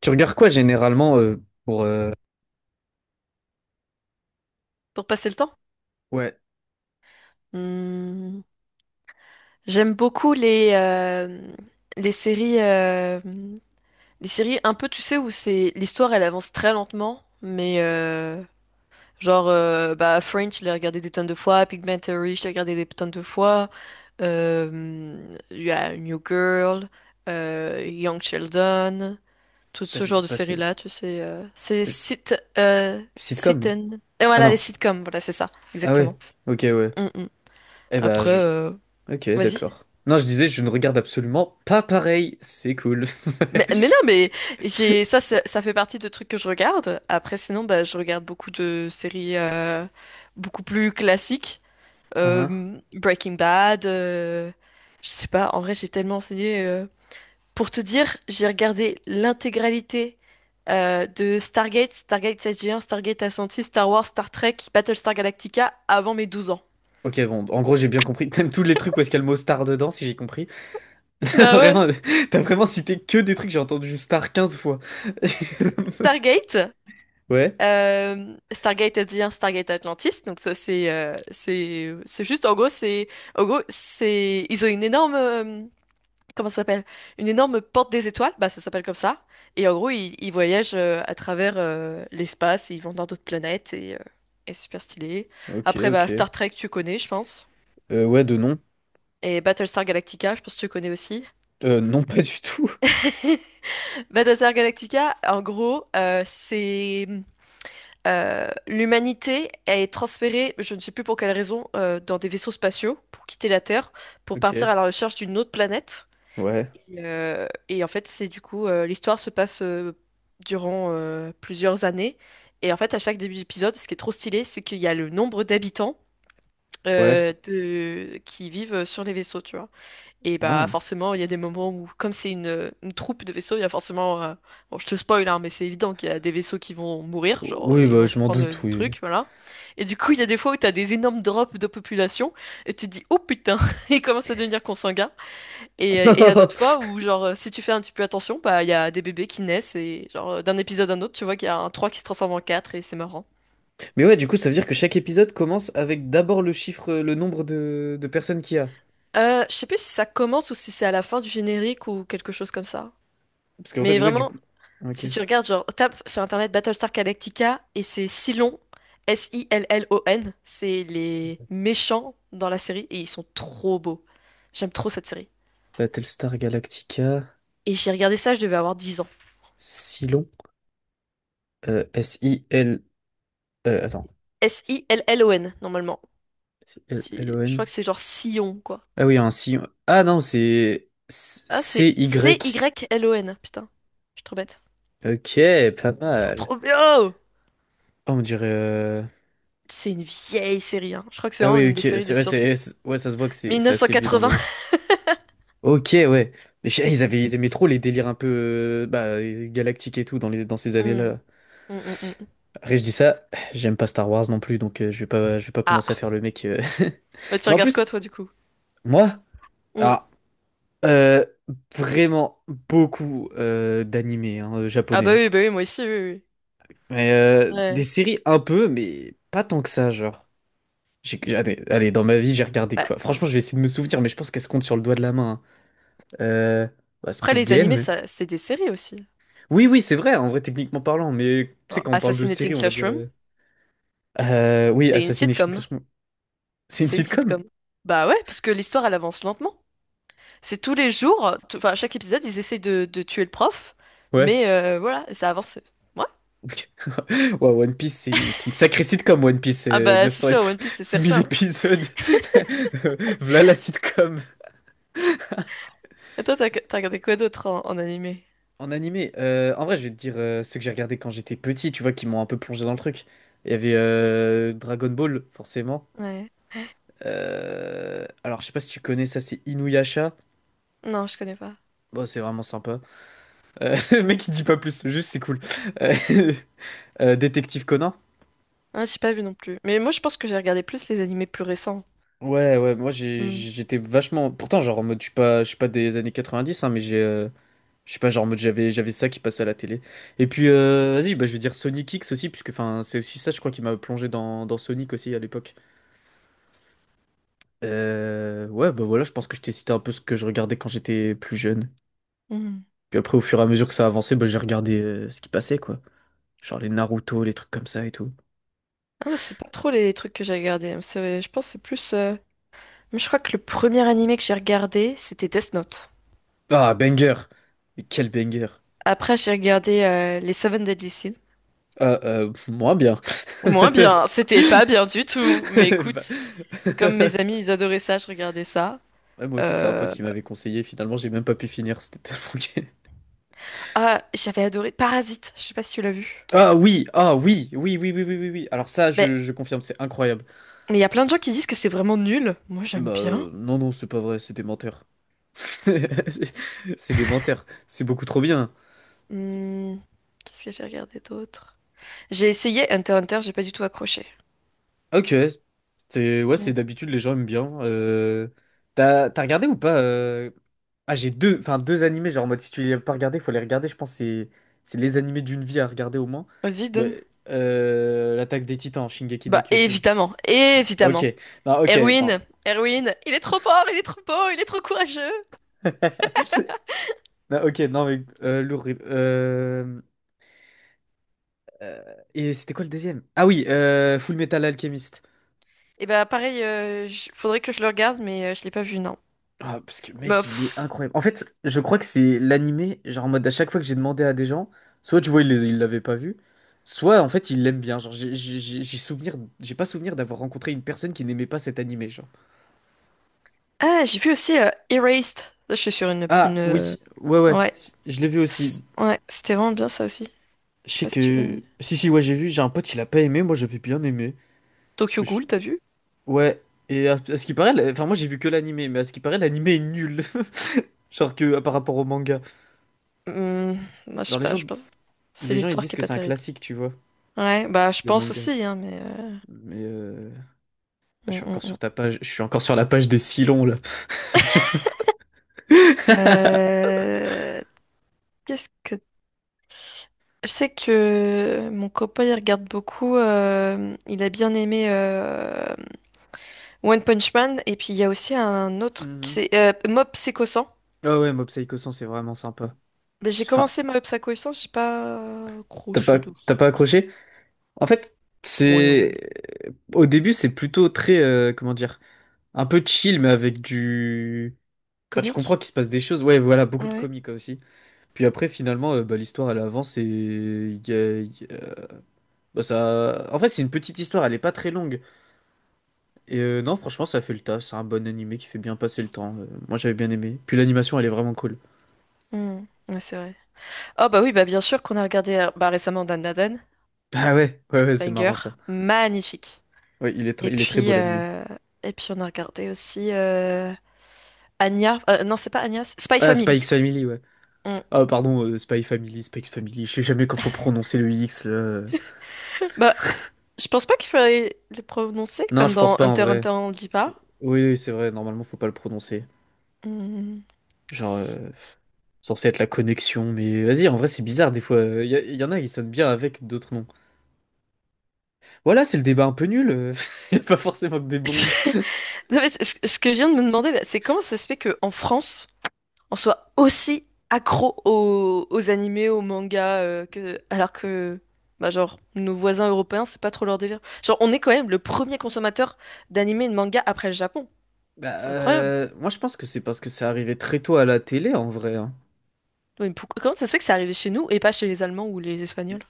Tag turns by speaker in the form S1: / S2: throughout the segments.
S1: Tu regardes quoi généralement
S2: Pour passer le temps?
S1: Ouais,
S2: Hmm. J'aime beaucoup les séries, euh, les séries un peu, tu sais, où c'est l'histoire, elle avance très lentement, mais genre, bah, Fringe, je l'ai regardé des tonnes de fois, Pigmentary, je l'ai regardé des tonnes de fois, il y a New Girl, Young Sheldon, tout
S1: putain,
S2: ce
S1: j'ai
S2: genre
S1: vu
S2: de
S1: passer.
S2: séries-là, tu sais, c'est
S1: Euh,
S2: sit, sit
S1: Sitcom?
S2: and... Et
S1: Ah
S2: voilà, les
S1: non.
S2: sitcoms, voilà, c'est ça,
S1: Ah
S2: exactement.
S1: ouais. Ok, ouais.
S2: Mm, mm.
S1: Eh bah,
S2: Après,
S1: Ok,
S2: vas-y.
S1: d'accord. Non, je disais, je ne regarde absolument pas pareil. C'est cool.
S2: Mais, mais non, mais j'ai ça fait partie de trucs que je regarde. Après, sinon, bah, je regarde beaucoup de séries beaucoup plus classiques.
S1: Hein?
S2: Breaking Bad. Je sais pas. En vrai, j'ai tellement enseigné. Pour te dire, j'ai regardé l'intégralité de Stargate, Stargate SG-1, Stargate Ascension, Star Wars, Star Trek, Battlestar Galactica avant mes 12 ans.
S1: Ok, bon, en gros, j'ai bien compris. T'aimes tous les trucs où est-ce qu'il y a le mot star dedans, si j'ai compris. C'est
S2: Bah ouais.
S1: Vraiment, T'as vraiment cité que des trucs, j'ai entendu star 15 fois.
S2: Stargate.
S1: Ouais.
S2: Stargate Adrien, Stargate Atlantis, donc ça c'est juste en gros c'est ils ont une énorme comment ça s'appelle? Une énorme porte des étoiles, bah ça s'appelle comme ça. Et en gros ils voyagent à travers l'espace, ils vont dans d'autres planètes et super stylé.
S1: Ok,
S2: Après bah Star
S1: ok.
S2: Trek tu connais je pense.
S1: Ouais, de nom.
S2: Et Battlestar Galactica, je pense que tu connais aussi.
S1: Non, pas du tout.
S2: Battlestar Galactica, en gros, c'est l'humanité est transférée, je ne sais plus pour quelle raison, dans des vaisseaux spatiaux pour quitter la Terre, pour
S1: Ok.
S2: partir à la recherche d'une autre planète.
S1: Ouais,
S2: Et en fait, c'est du coup, l'histoire se passe durant plusieurs années. Et en fait, à chaque début d'épisode, ce qui est trop stylé, c'est qu'il y a le nombre d'habitants
S1: ouais.
S2: qui vivent sur les vaisseaux, tu vois. Et bah
S1: Ah.
S2: forcément, il y a des moments où, comme c'est une troupe de vaisseaux, il y a forcément. Bon, je te spoil, hein, mais c'est évident qu'il y a des vaisseaux qui vont mourir, genre
S1: Oui,
S2: ils
S1: bah,
S2: vont se
S1: je m'en
S2: prendre
S1: doute,
S2: des
S1: oui.
S2: trucs, voilà. Et du coup, il y a des fois où t'as des énormes drops de population, et tu te dis, oh putain, il commence à devenir consanguin. Et il y a d'autres fois où, genre, si tu fais un petit peu attention, bah il y a des bébés qui naissent, et genre, d'un épisode à un autre, tu vois qu'il y a un 3 qui se transforme en 4 et c'est marrant.
S1: Mais ouais, du coup, ça veut dire que chaque épisode commence avec d'abord le chiffre, le nombre de personnes qu'il y a.
S2: Je sais plus si ça commence ou si c'est à la fin du générique ou quelque chose comme ça.
S1: Parce qu'en
S2: Mais
S1: fait, ouais, du
S2: vraiment.
S1: coup. Ok.
S2: Si tu regardes, genre, tape sur internet Battlestar Galactica et c'est Cylon, Sillon. C'est les méchants dans la série et ils sont trop beaux. J'aime trop cette série.
S1: Battlestar Galactica,
S2: Et j'ai regardé ça, je devais avoir 10 ans.
S1: Silon, S-I-L. Attends.
S2: Sillon, normalement. Je crois
S1: Sillon.
S2: que c'est genre Sillon, quoi.
S1: Ah oui, un Sillon. Ah non, c'est
S2: Ah,
S1: C-
S2: c'est
S1: y
S2: Cylon, putain. Je suis trop bête.
S1: Ok, pas
S2: Ils sont
S1: mal.
S2: trop bien!
S1: Ah, on dirait.
S2: C'est une vieille série, hein. Je crois que c'est
S1: Ah
S2: vraiment
S1: oui,
S2: une
S1: ok.
S2: des séries
S1: C'est
S2: de
S1: vrai, c'est,
S2: science-fiction.
S1: ouais, ça se voit que c'est assez vieux dans
S2: 1980.
S1: les, Ok, ouais. Mais ils aimaient trop les délires un peu bah, galactiques et tout dans ces
S2: Hmm,
S1: années-là.
S2: hmm, hmm, hmm.
S1: Après, je dis ça, j'aime pas Star Wars non plus, donc je vais pas commencer à
S2: Ah,
S1: faire le mec.
S2: bah tu
S1: Mais en
S2: regardes quoi,
S1: plus,
S2: toi, du coup?
S1: moi,
S2: Hum.
S1: ah, euh, vraiment beaucoup d'animés hein,
S2: Ah
S1: japonais.
S2: bah oui, moi aussi, oui, oui.
S1: Mais
S2: Oui.
S1: des
S2: Ouais.
S1: séries un peu, mais pas tant que ça, genre. Allez, allez, dans ma vie, j'ai regardé
S2: Bah,
S1: quoi? Franchement, je vais essayer de me souvenir, mais je pense qu'elle se compte sur le doigt de la main, hein. Euh, Bah,
S2: après,
S1: Squid
S2: les animés,
S1: Game.
S2: ça, c'est des séries aussi.
S1: Oui, oui, c'est vrai, en vrai, techniquement parlant, mais tu sais,
S2: Genre,
S1: quand on parle de série,
S2: Assassinating
S1: on va dire.
S2: Classroom,
S1: Oui,
S2: c'est une
S1: Assassination
S2: sitcom.
S1: Classroom. C'est une
S2: C'est une
S1: sitcom?
S2: sitcom. Bah ouais, parce que l'histoire, elle avance lentement. C'est tous les jours, enfin, à chaque épisode, ils essayent de tuer le prof,
S1: Ouais.
S2: mais voilà, ça avance. Ouais.
S1: Ouais, One Piece, c'est une sacrée sitcom, One Piece,
S2: Ah
S1: c'est
S2: bah, c'est
S1: 900 et
S2: sûr, One Piece, c'est
S1: 1000
S2: certain.
S1: épisodes. Voilà la sitcom.
S2: Et toi, t'as regardé quoi d'autre en animé?
S1: En animé, en vrai, je vais te dire ceux que j'ai regardés quand j'étais petit, tu vois, qui m'ont un peu plongé dans le truc. Il y avait Dragon Ball, forcément.
S2: Ouais.
S1: Alors, je sais pas si tu connais ça, c'est Inuyasha.
S2: Non, je connais pas.
S1: Bon, c'est vraiment sympa. Le mec il dit pas plus, juste c'est cool. Euh, Détective Conan?
S2: Ah, j'ai pas vu non plus. Mais moi, je pense que j'ai regardé plus les animés plus récents.
S1: Ouais, ouais, moi
S2: Hmm.
S1: j'étais vachement. Pourtant, genre en mode, je suis pas des années 90, hein, mais j'ai. Je suis pas, genre en mode, j'avais ça qui passait à la télé. Et puis, vas-y, bah, je vais dire Sonic X aussi, puisque enfin, c'est aussi ça, je crois, qui m'a plongé dans Sonic aussi à l'époque. Ouais, bah voilà, je pense que je t'ai cité un peu ce que je regardais quand j'étais plus jeune.
S2: Hmm.
S1: Puis après, au fur et à mesure que ça avançait, bah, j'ai regardé ce qui passait, quoi. Genre les Naruto, les trucs comme ça et tout.
S2: Ah, c'est pas trop les trucs que j'ai regardés, hein. Je pense que c'est plus. Je crois que le premier animé que j'ai regardé, c'était Death Note.
S1: Ah, banger! Mais quel banger!
S2: Après, j'ai regardé les Seven Deadly Sins.
S1: Euh, Moins bien.
S2: Moins bien, c'était pas bien du tout. Mais
S1: Bah,
S2: écoute, comme
S1: ouais,
S2: mes amis, ils adoraient ça, je regardais ça.
S1: moi aussi, c'est un pote
S2: Euh,
S1: qui m'avait conseillé. Finalement, j'ai même pas pu finir. C'était tellement gay.
S2: Ah, j'avais adoré Parasite, je sais pas si tu l'as vu.
S1: Ah oui, ah oui, oui, oui, oui, oui, oui, oui. Alors ça,
S2: Mais
S1: je confirme, c'est incroyable.
S2: mais il y a plein de gens qui disent que c'est vraiment nul. Moi, j'aime
S1: Bah
S2: bien.
S1: non, non, c'est pas vrai, c'est des menteurs. C'est c'est des menteurs. C'est beaucoup trop bien.
S2: Hmm. Qu'est-ce que j'ai regardé d'autre? J'ai essayé Hunter x Hunter, j'ai pas du tout accroché.
S1: Ok, c'est ouais,
S2: Hmm.
S1: c'est d'habitude les gens aiment bien. T'as regardé ou pas Ah, j'ai deux, enfin deux animés genre en mode si tu les as pas regardés, faut les regarder. Je pense que c'est les animés d'une vie à regarder au moins.
S2: Vas-y, donne.
S1: Mais, l'Attaque des Titans, Shingeki no
S2: Bah,
S1: Kyojin.
S2: évidemment,
S1: Ok,
S2: évidemment.
S1: non, ok,
S2: Erwin,
S1: non.
S2: Erwin, il est trop fort, il est trop beau, il est trop courageux.
S1: Non, ok, non mais lourd. Euh, et c'était quoi le deuxième? Ah oui, Full Metal Alchemist.
S2: Et bah pareil, faudrait que je le regarde, mais je l'ai pas vu, non.
S1: Ah, parce que
S2: Bah,
S1: mec, il est
S2: pff.
S1: incroyable. En fait, je crois que c'est l'animé, genre en mode à chaque fois que j'ai demandé à des gens, soit tu vois, ils l'avaient pas vu, soit en fait, ils l'aiment bien. Genre, j'ai pas souvenir d'avoir rencontré une personne qui n'aimait pas cet animé, genre.
S2: Ah, j'ai vu aussi Erased. Là, je suis sur une,
S1: Ah, oui,
S2: une...
S1: ouais, ouais,
S2: Ouais.
S1: si, je l'ai vu aussi.
S2: Ouais, c'était vraiment bien ça aussi.
S1: Je
S2: Je sais
S1: sais
S2: pas si tu l'as
S1: que.
S2: vu.
S1: Si, si, ouais, j'ai vu, j'ai un pote, il a pas aimé, moi j'avais bien aimé.
S2: Tokyo
S1: Mais je-
S2: Ghoul, t'as vu?
S1: Ouais, et à ce qui paraît, enfin, moi j'ai vu que l'animé, mais à ce qui paraît, l'animé est nul. Genre que par rapport au manga.
S2: Hmm, bah, je
S1: Genre,
S2: sais
S1: les
S2: pas,
S1: gens,
S2: je pense. C'est
S1: les gens ils
S2: l'histoire
S1: disent
S2: qui est
S1: que
S2: pas
S1: c'est un
S2: terrible.
S1: classique, tu vois,
S2: Ouais, bah je
S1: le
S2: pense
S1: manga.
S2: aussi, hein, mais.
S1: Mais je
S2: Hum,
S1: suis encore sur
S2: hum.
S1: ta page, je suis encore sur la page des Silons là.
S2: Euh, Qu'est-ce que. Je sais que mon copain, il regarde beaucoup. Il a bien aimé One Punch Man, et puis il y a aussi un autre qui
S1: Mhm.
S2: c'est Mob Psycho 100.
S1: Ah ouais, Mob Psycho 100, c'est vraiment sympa.
S2: Mais j'ai
S1: Enfin,
S2: commencé Mob Psycho 100, j'ai pas
S1: t'as
S2: accroché
S1: pas,
S2: de
S1: t'as pas accroché? En fait, c'est
S2: moyen
S1: au début, c'est plutôt très, comment dire, un peu chill, mais avec du. Enfin, tu comprends
S2: comique.
S1: qu'il se passe des choses. Ouais, voilà, beaucoup de
S2: Ouais.
S1: comiques aussi. Puis après, finalement, bah, l'histoire elle avance et bah, ça. En vrai, c'est une petite histoire, elle est pas très longue. Et non, franchement, ça fait le taf. C'est un bon animé qui fait bien passer le temps. Moi, j'avais bien aimé. Puis l'animation, elle est vraiment cool.
S2: Hmm. Ouais, c'est vrai. Oh bah oui, bah bien sûr qu'on a regardé bah, récemment Dan Da Dan,
S1: Ah ouais, ouais, ouais, c'est
S2: banger,
S1: marrant ça.
S2: magnifique.
S1: Ouais,
S2: Et
S1: il est très
S2: puis
S1: beau l'animé.
S2: euh, et puis on a regardé aussi Anya, non c'est pas Anya, c'est Spy
S1: Ah, Spike
S2: Family.
S1: Family, ouais.
S2: Hmm.
S1: Ah, pardon, Spy Family, Spike Family. Je sais jamais quand faut prononcer le X, là.
S2: Bah je pense pas qu'il fallait le prononcer
S1: Non,
S2: comme
S1: je pense
S2: dans
S1: pas en
S2: Hunter x
S1: vrai.
S2: Hunter on le dit pas.
S1: Oui, oui, c'est vrai. Normalement, faut pas le prononcer.
S2: Hmm.
S1: Genre, censé être la connexion. Mais vas-y, en vrai, c'est bizarre des fois. Y en a qui sonnent bien avec d'autres noms. Voilà, c'est le débat un peu nul. Il a pas forcément que des bons.
S2: Non, mais ce que je viens de me demander, là, c'est comment ça se fait qu'en France, on soit aussi accro aux animés, aux mangas, alors que, bah, genre, nos voisins européens, c'est pas trop leur délire. Genre, on est quand même le premier consommateur d'animés et de mangas après le Japon.
S1: Bah,
S2: C'est incroyable.
S1: moi, je pense que c'est parce que c'est arrivé très tôt à la télé, en vrai, hein.
S2: Oui, mais comment ça se fait que c'est arrivé chez nous et pas chez les Allemands ou les Espagnols?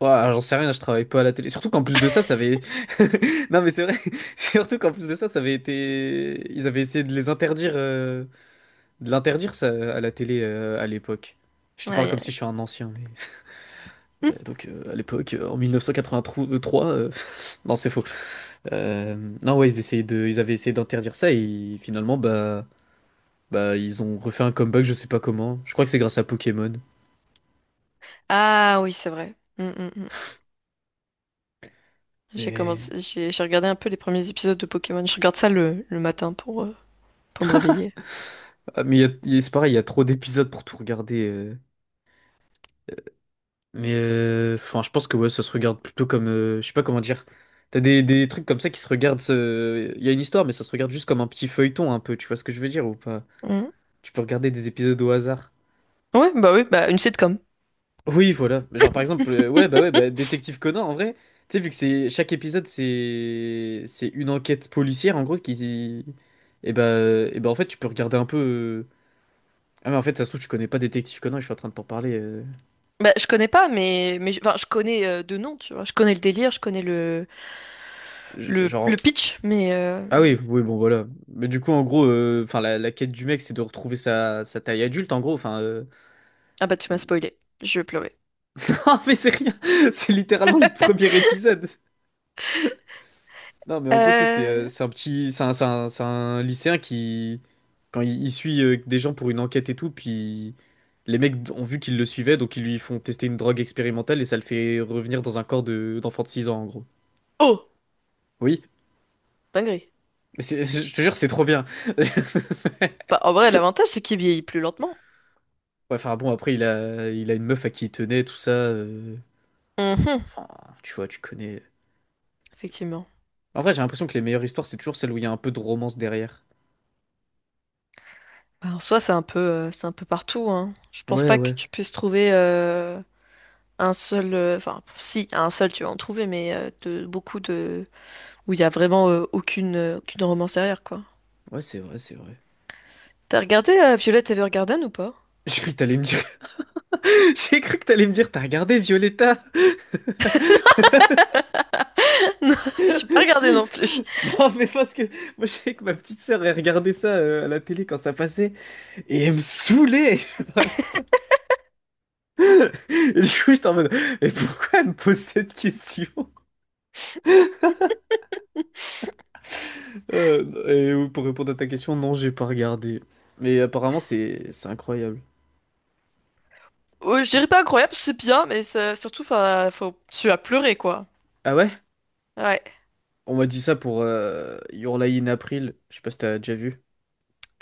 S1: Ouais, alors, j'en sais rien, je travaille pas à la télé. Surtout qu'en plus de ça, ça avait... Non, mais c'est vrai. Surtout qu'en plus de ça, ça avait été... Ils avaient essayé de les interdire, de l'interdire, ça, à la télé, à l'époque. Je te parle
S2: Ouais,
S1: comme si
S2: ouais.
S1: je suis un ancien, mais...
S2: Hmm.
S1: Donc, à l'époque, en 1983... Non, c'est faux. Euh, Non, ouais, ils essayaient de... Ils avaient essayé d'interdire ça, et finalement, bah... Bah, ils ont refait un comeback, je sais pas comment. Je crois que c'est grâce à Pokémon.
S2: Ah oui, c'est vrai. Hmm, hmm, hmm. J'ai
S1: Mais...
S2: commencé, j'ai regardé un peu les premiers épisodes de Pokémon. Je regarde ça le matin pour me réveiller.
S1: Ah, mais c'est pareil, il y a trop d'épisodes pour tout regarder. Mais enfin, je pense que ouais, ça se regarde plutôt comme. Je sais pas comment dire. T'as des trucs comme ça qui se regardent. Il y a une histoire, mais ça se regarde juste comme un petit feuilleton un peu. Tu vois ce que je veux dire ou pas?
S2: Mhm.
S1: Tu peux regarder des épisodes au hasard.
S2: Ouais, bah oui, bah une sitcom.
S1: Oui, voilà. Genre par exemple, ouais, bah, Détective Conan en vrai. Tu sais, vu que c'est chaque épisode, c'est une enquête policière en gros qui. Et bah en fait, tu peux regarder un peu. Ah mais en fait, ça se trouve, tu connais pas Détective Conan, je suis en train de t'en parler.
S2: Bah, je connais pas, mais enfin, je connais de nom, tu vois. Je connais le délire, je connais le
S1: Genre,
S2: pitch, mais.
S1: Ah oui, oui, bon voilà. Mais du coup, en gros, enfin la quête du mec, c'est de retrouver sa taille adulte, en gros. Enfin,
S2: Ah bah tu m'as spoilé, je vais pleurer.
S1: non, mais c'est rien. C'est littéralement le premier épisode. Non, mais en gros, tu sais,
S2: Euh...
S1: c'est un lycéen qui, quand il suit des gens pour une enquête et tout, puis les mecs ont vu qu'il le suivait, donc ils lui font tester une drogue expérimentale et ça le fait revenir dans un corps de d'enfant de 6 ans, en gros.
S2: Oh,
S1: Oui,
S2: dinguerie.
S1: mais je te jure, c'est trop bien.
S2: Bah en vrai, l'avantage, c'est qu'il vieillit plus lentement.
S1: Ouais, enfin bon, après, il a une meuf à qui il tenait, tout ça.
S2: Mhm,
S1: Enfin, tu vois, tu connais.
S2: effectivement.
S1: En vrai, j'ai l'impression que les meilleures histoires, c'est toujours celles où il y a un peu de romance derrière.
S2: Bah, en soi, c'est un peu partout, hein. Je pense
S1: Ouais,
S2: pas que
S1: ouais.
S2: tu puisses trouver un seul, enfin, si, un seul, tu vas en trouver, mais de beaucoup de où il y a vraiment aucune romance derrière, quoi.
S1: Ouais, c'est vrai, c'est vrai.
S2: T'as regardé Violet Evergarden ou pas?
S1: J'ai cru que t'allais me dire. J'ai cru que t'allais me dire, t'as regardé Violetta?
S2: Non, j'ai pas regardé non plus.
S1: Non, mais parce que moi, je sais que ma petite sœur, elle regardait ça à la télé quand ça passait et elle me saoulait je vois, avec ça. Et du coup, j'étais en mode, mais pourquoi elle me pose cette question? Et pour répondre à ta question, non, j'ai pas regardé. Mais apparemment, c'est incroyable.
S2: Oh, je dirais pas incroyable, c'est bien, mais surtout, enfin, faut, tu as pleuré, quoi.
S1: Ah ouais?
S2: Ouais.
S1: On m'a dit ça pour Your Lie in April. Je sais pas si t'as déjà vu.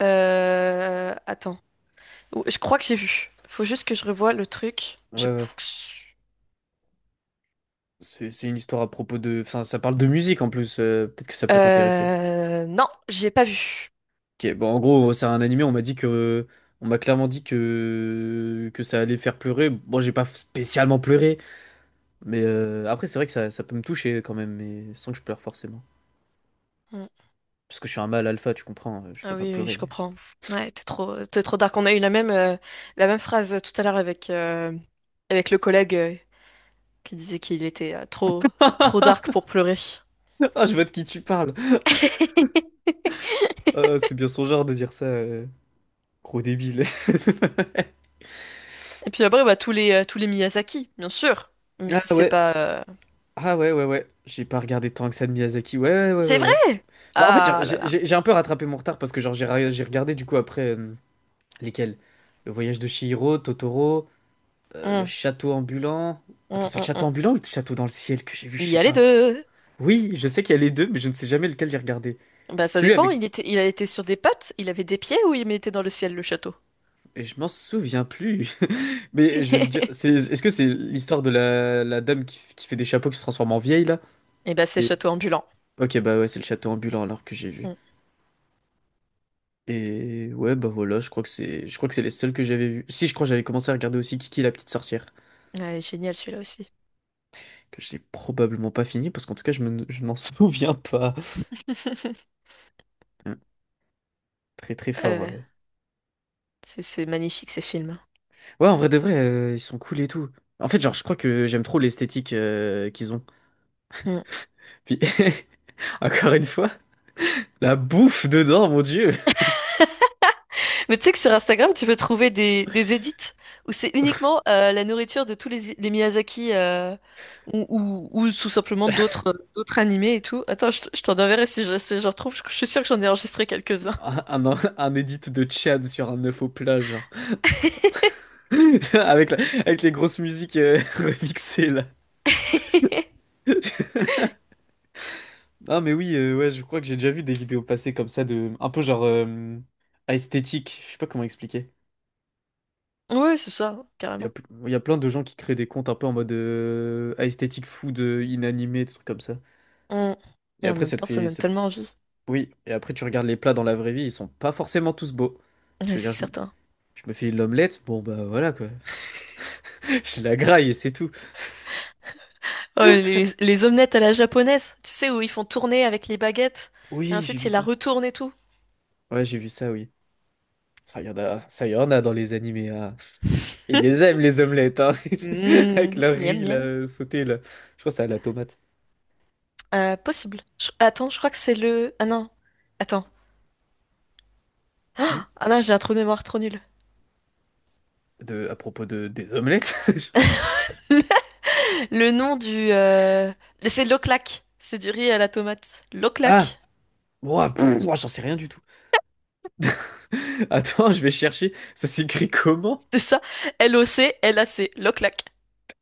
S2: Attends. Oh, je crois que j'ai vu. Faut juste que je revoie le truc.
S1: Ouais, ouais. C'est une histoire à propos de… Enfin, ça parle de musique en plus. Peut-être que ça peut t'intéresser.
S2: Non, j'ai pas vu.
S1: Ok, bon, en gros, c'est un animé. On m'a dit que… On m'a clairement dit que… Que ça allait faire pleurer. Bon, j'ai pas spécialement pleuré. Mais après, c'est vrai que ça peut me toucher quand même. Mais sans que je pleure forcément.
S2: Hmm.
S1: Parce que je suis un mâle alpha, tu comprends. Je peux
S2: Ah
S1: pas
S2: oui, oui, je
S1: pleurer.
S2: comprends. Ouais, t'es trop dark. On a eu la même phrase tout à l'heure avec le collègue qui disait qu'il était trop, trop dark pour pleurer.
S1: Ah, je vois de qui tu parles. Ah, c'est bien son genre de dire ça. Gros débile.
S2: Et puis après, bah, tous les Miyazaki, bien sûr. Même
S1: Ah
S2: si c'est
S1: ouais.
S2: pas.
S1: Ah ouais, ouais, ouais, j'ai pas regardé tant que ça de Miyazaki. Ouais, ouais, ouais, ouais,
S2: C'est vrai!
S1: ouais. Bah en fait, genre,
S2: Ah là là.
S1: j'ai un peu rattrapé mon retard parce que genre j'ai regardé du coup après, lesquels? Le voyage de Chihiro, Totoro, le
S2: Hum,
S1: château ambulant. Attends,
S2: hum,
S1: c'est le
S2: hum,
S1: château
S2: hum.
S1: ambulant ou le château dans le ciel que j'ai vu, je
S2: Il y
S1: sais
S2: a les
S1: pas.
S2: deux.
S1: Oui, je sais qu'il y a les deux, mais je ne sais jamais lequel j'ai regardé.
S2: Bah, ça
S1: Celui
S2: dépend.
S1: avec…
S2: Il était, il a été sur des pattes, il avait des pieds ou il mettait dans le ciel le château?
S1: Et je m'en souviens plus. Mais je vais te dire,
S2: Et
S1: c'est, est-ce que c'est l'histoire de la dame qui fait des chapeaux qui se transforme en vieille là?
S2: bah, c'est
S1: C'est…
S2: château ambulant.
S1: Ok, bah ouais, c'est le château ambulant alors que j'ai vu.
S2: Hum.
S1: Et ouais, bah voilà, je crois que c'est, je crois que c'est les seuls que j'avais vus. Si, je crois que j'avais commencé à regarder aussi Kiki la petite sorcière,
S2: Ouais, génial celui-là aussi.
S1: que j'ai probablement pas fini parce qu'en tout cas, je m'en souviens pas. Hum, Très très
S2: Ah là
S1: fort.
S2: là. C'est magnifique ces films.
S1: Ouais, en vrai de vrai, ils sont cool et tout. En fait, genre, je crois que j'aime trop l'esthétique qu'ils ont.
S2: Hmm.
S1: Puis, encore une fois, la bouffe dedans, mon Dieu!
S2: Mais tu sais que sur Instagram, tu peux trouver des edits où c'est uniquement la nourriture de tous les Miyazaki ou tout simplement d'autres animés et tout. Attends, je t'en enverrai si je retrouve. Je suis sûre que j'en ai enregistré quelques-uns.
S1: Un edit de Chad sur un œuf au plat, genre. Avec, avec les grosses musiques remixées, là. Ah mais oui, ouais, je crois que j'ai déjà vu des vidéos passer comme ça de un peu genre esthétique, je sais pas comment expliquer.
S2: Oui, c'est ça,
S1: Il y a,
S2: carrément.
S1: il y a plein de gens qui créent des comptes un peu en mode esthétique food inanimé, des trucs comme ça.
S2: Hmm.
S1: Et
S2: Et en
S1: après
S2: même
S1: ça te
S2: temps, ça
S1: fait
S2: donne tellement envie.
S1: oui, et après tu regardes les plats dans la vraie vie, ils sont pas forcément tous beaux. Je
S2: Ouais,
S1: veux dire
S2: c'est certain.
S1: je me fais l'omelette, bon bah voilà quoi. Je la graille et c'est tout.
S2: Oh, et les omelettes à la japonaise, tu sais, où ils font tourner avec les baguettes et
S1: Oui, j'ai
S2: ensuite
S1: vu
S2: ils la
S1: ça.
S2: retournent et tout.
S1: Ouais, j'ai vu ça, oui. Ça y en a dans les animés. Ah. Ils les aiment, les omelettes, hein.
S2: Mmh,
S1: Avec leur
S2: miam,
S1: riz,
S2: miam.
S1: là, sauté, là. Je crois que c'est à la tomate.
S2: Possible. Attends, je crois que c'est le. Ah non. Attends.
S1: Hmm.
S2: Ah non, j'ai un trou de mémoire trop nul.
S1: À propos des omelettes. je…
S2: Le nom du. C'est l'oclac. C'est du riz à la tomate.
S1: Ah!
S2: L'oclac.
S1: Ouah, pff, ouah, j'en sais rien du tout. Attends, je vais chercher. Ça s'écrit comment?
S2: C'est ça. Loclac. L'oclac.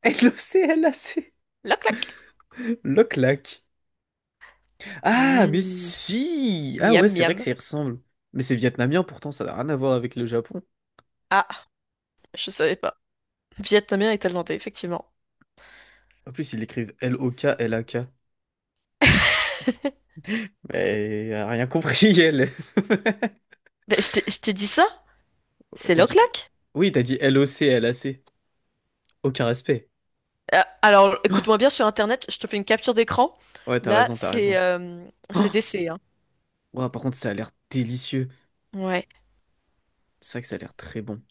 S1: Loclac.
S2: L'oclac.
S1: Loclac. Ah, mais
S2: Mm.
S1: si! Ah
S2: Miam
S1: ouais, c'est vrai
S2: miam.
S1: que ça y ressemble. Mais c'est vietnamien, pourtant, ça n'a rien à voir avec le Japon.
S2: Ah, je savais pas. Vietnamien et thaïlandais, effectivement.
S1: En plus, ils l'écrivent Loklak. Mais elle a rien compris, elle.
S2: Ben, je t'ai dit ça? C'est
S1: T'as dit…
S2: l'oclac?
S1: Oui, t'as dit Loclac. Aucun respect.
S2: Alors, écoute-moi bien sur Internet, je te fais une capture d'écran.
S1: Ouais, t'as
S2: Là,
S1: raison, t'as
S2: c'est
S1: raison.
S2: euh,
S1: Oh!
S2: c'est DC, hein.
S1: Ouah, par contre, ça a l'air délicieux.
S2: Ouais.
S1: C'est vrai que ça a l'air très bon.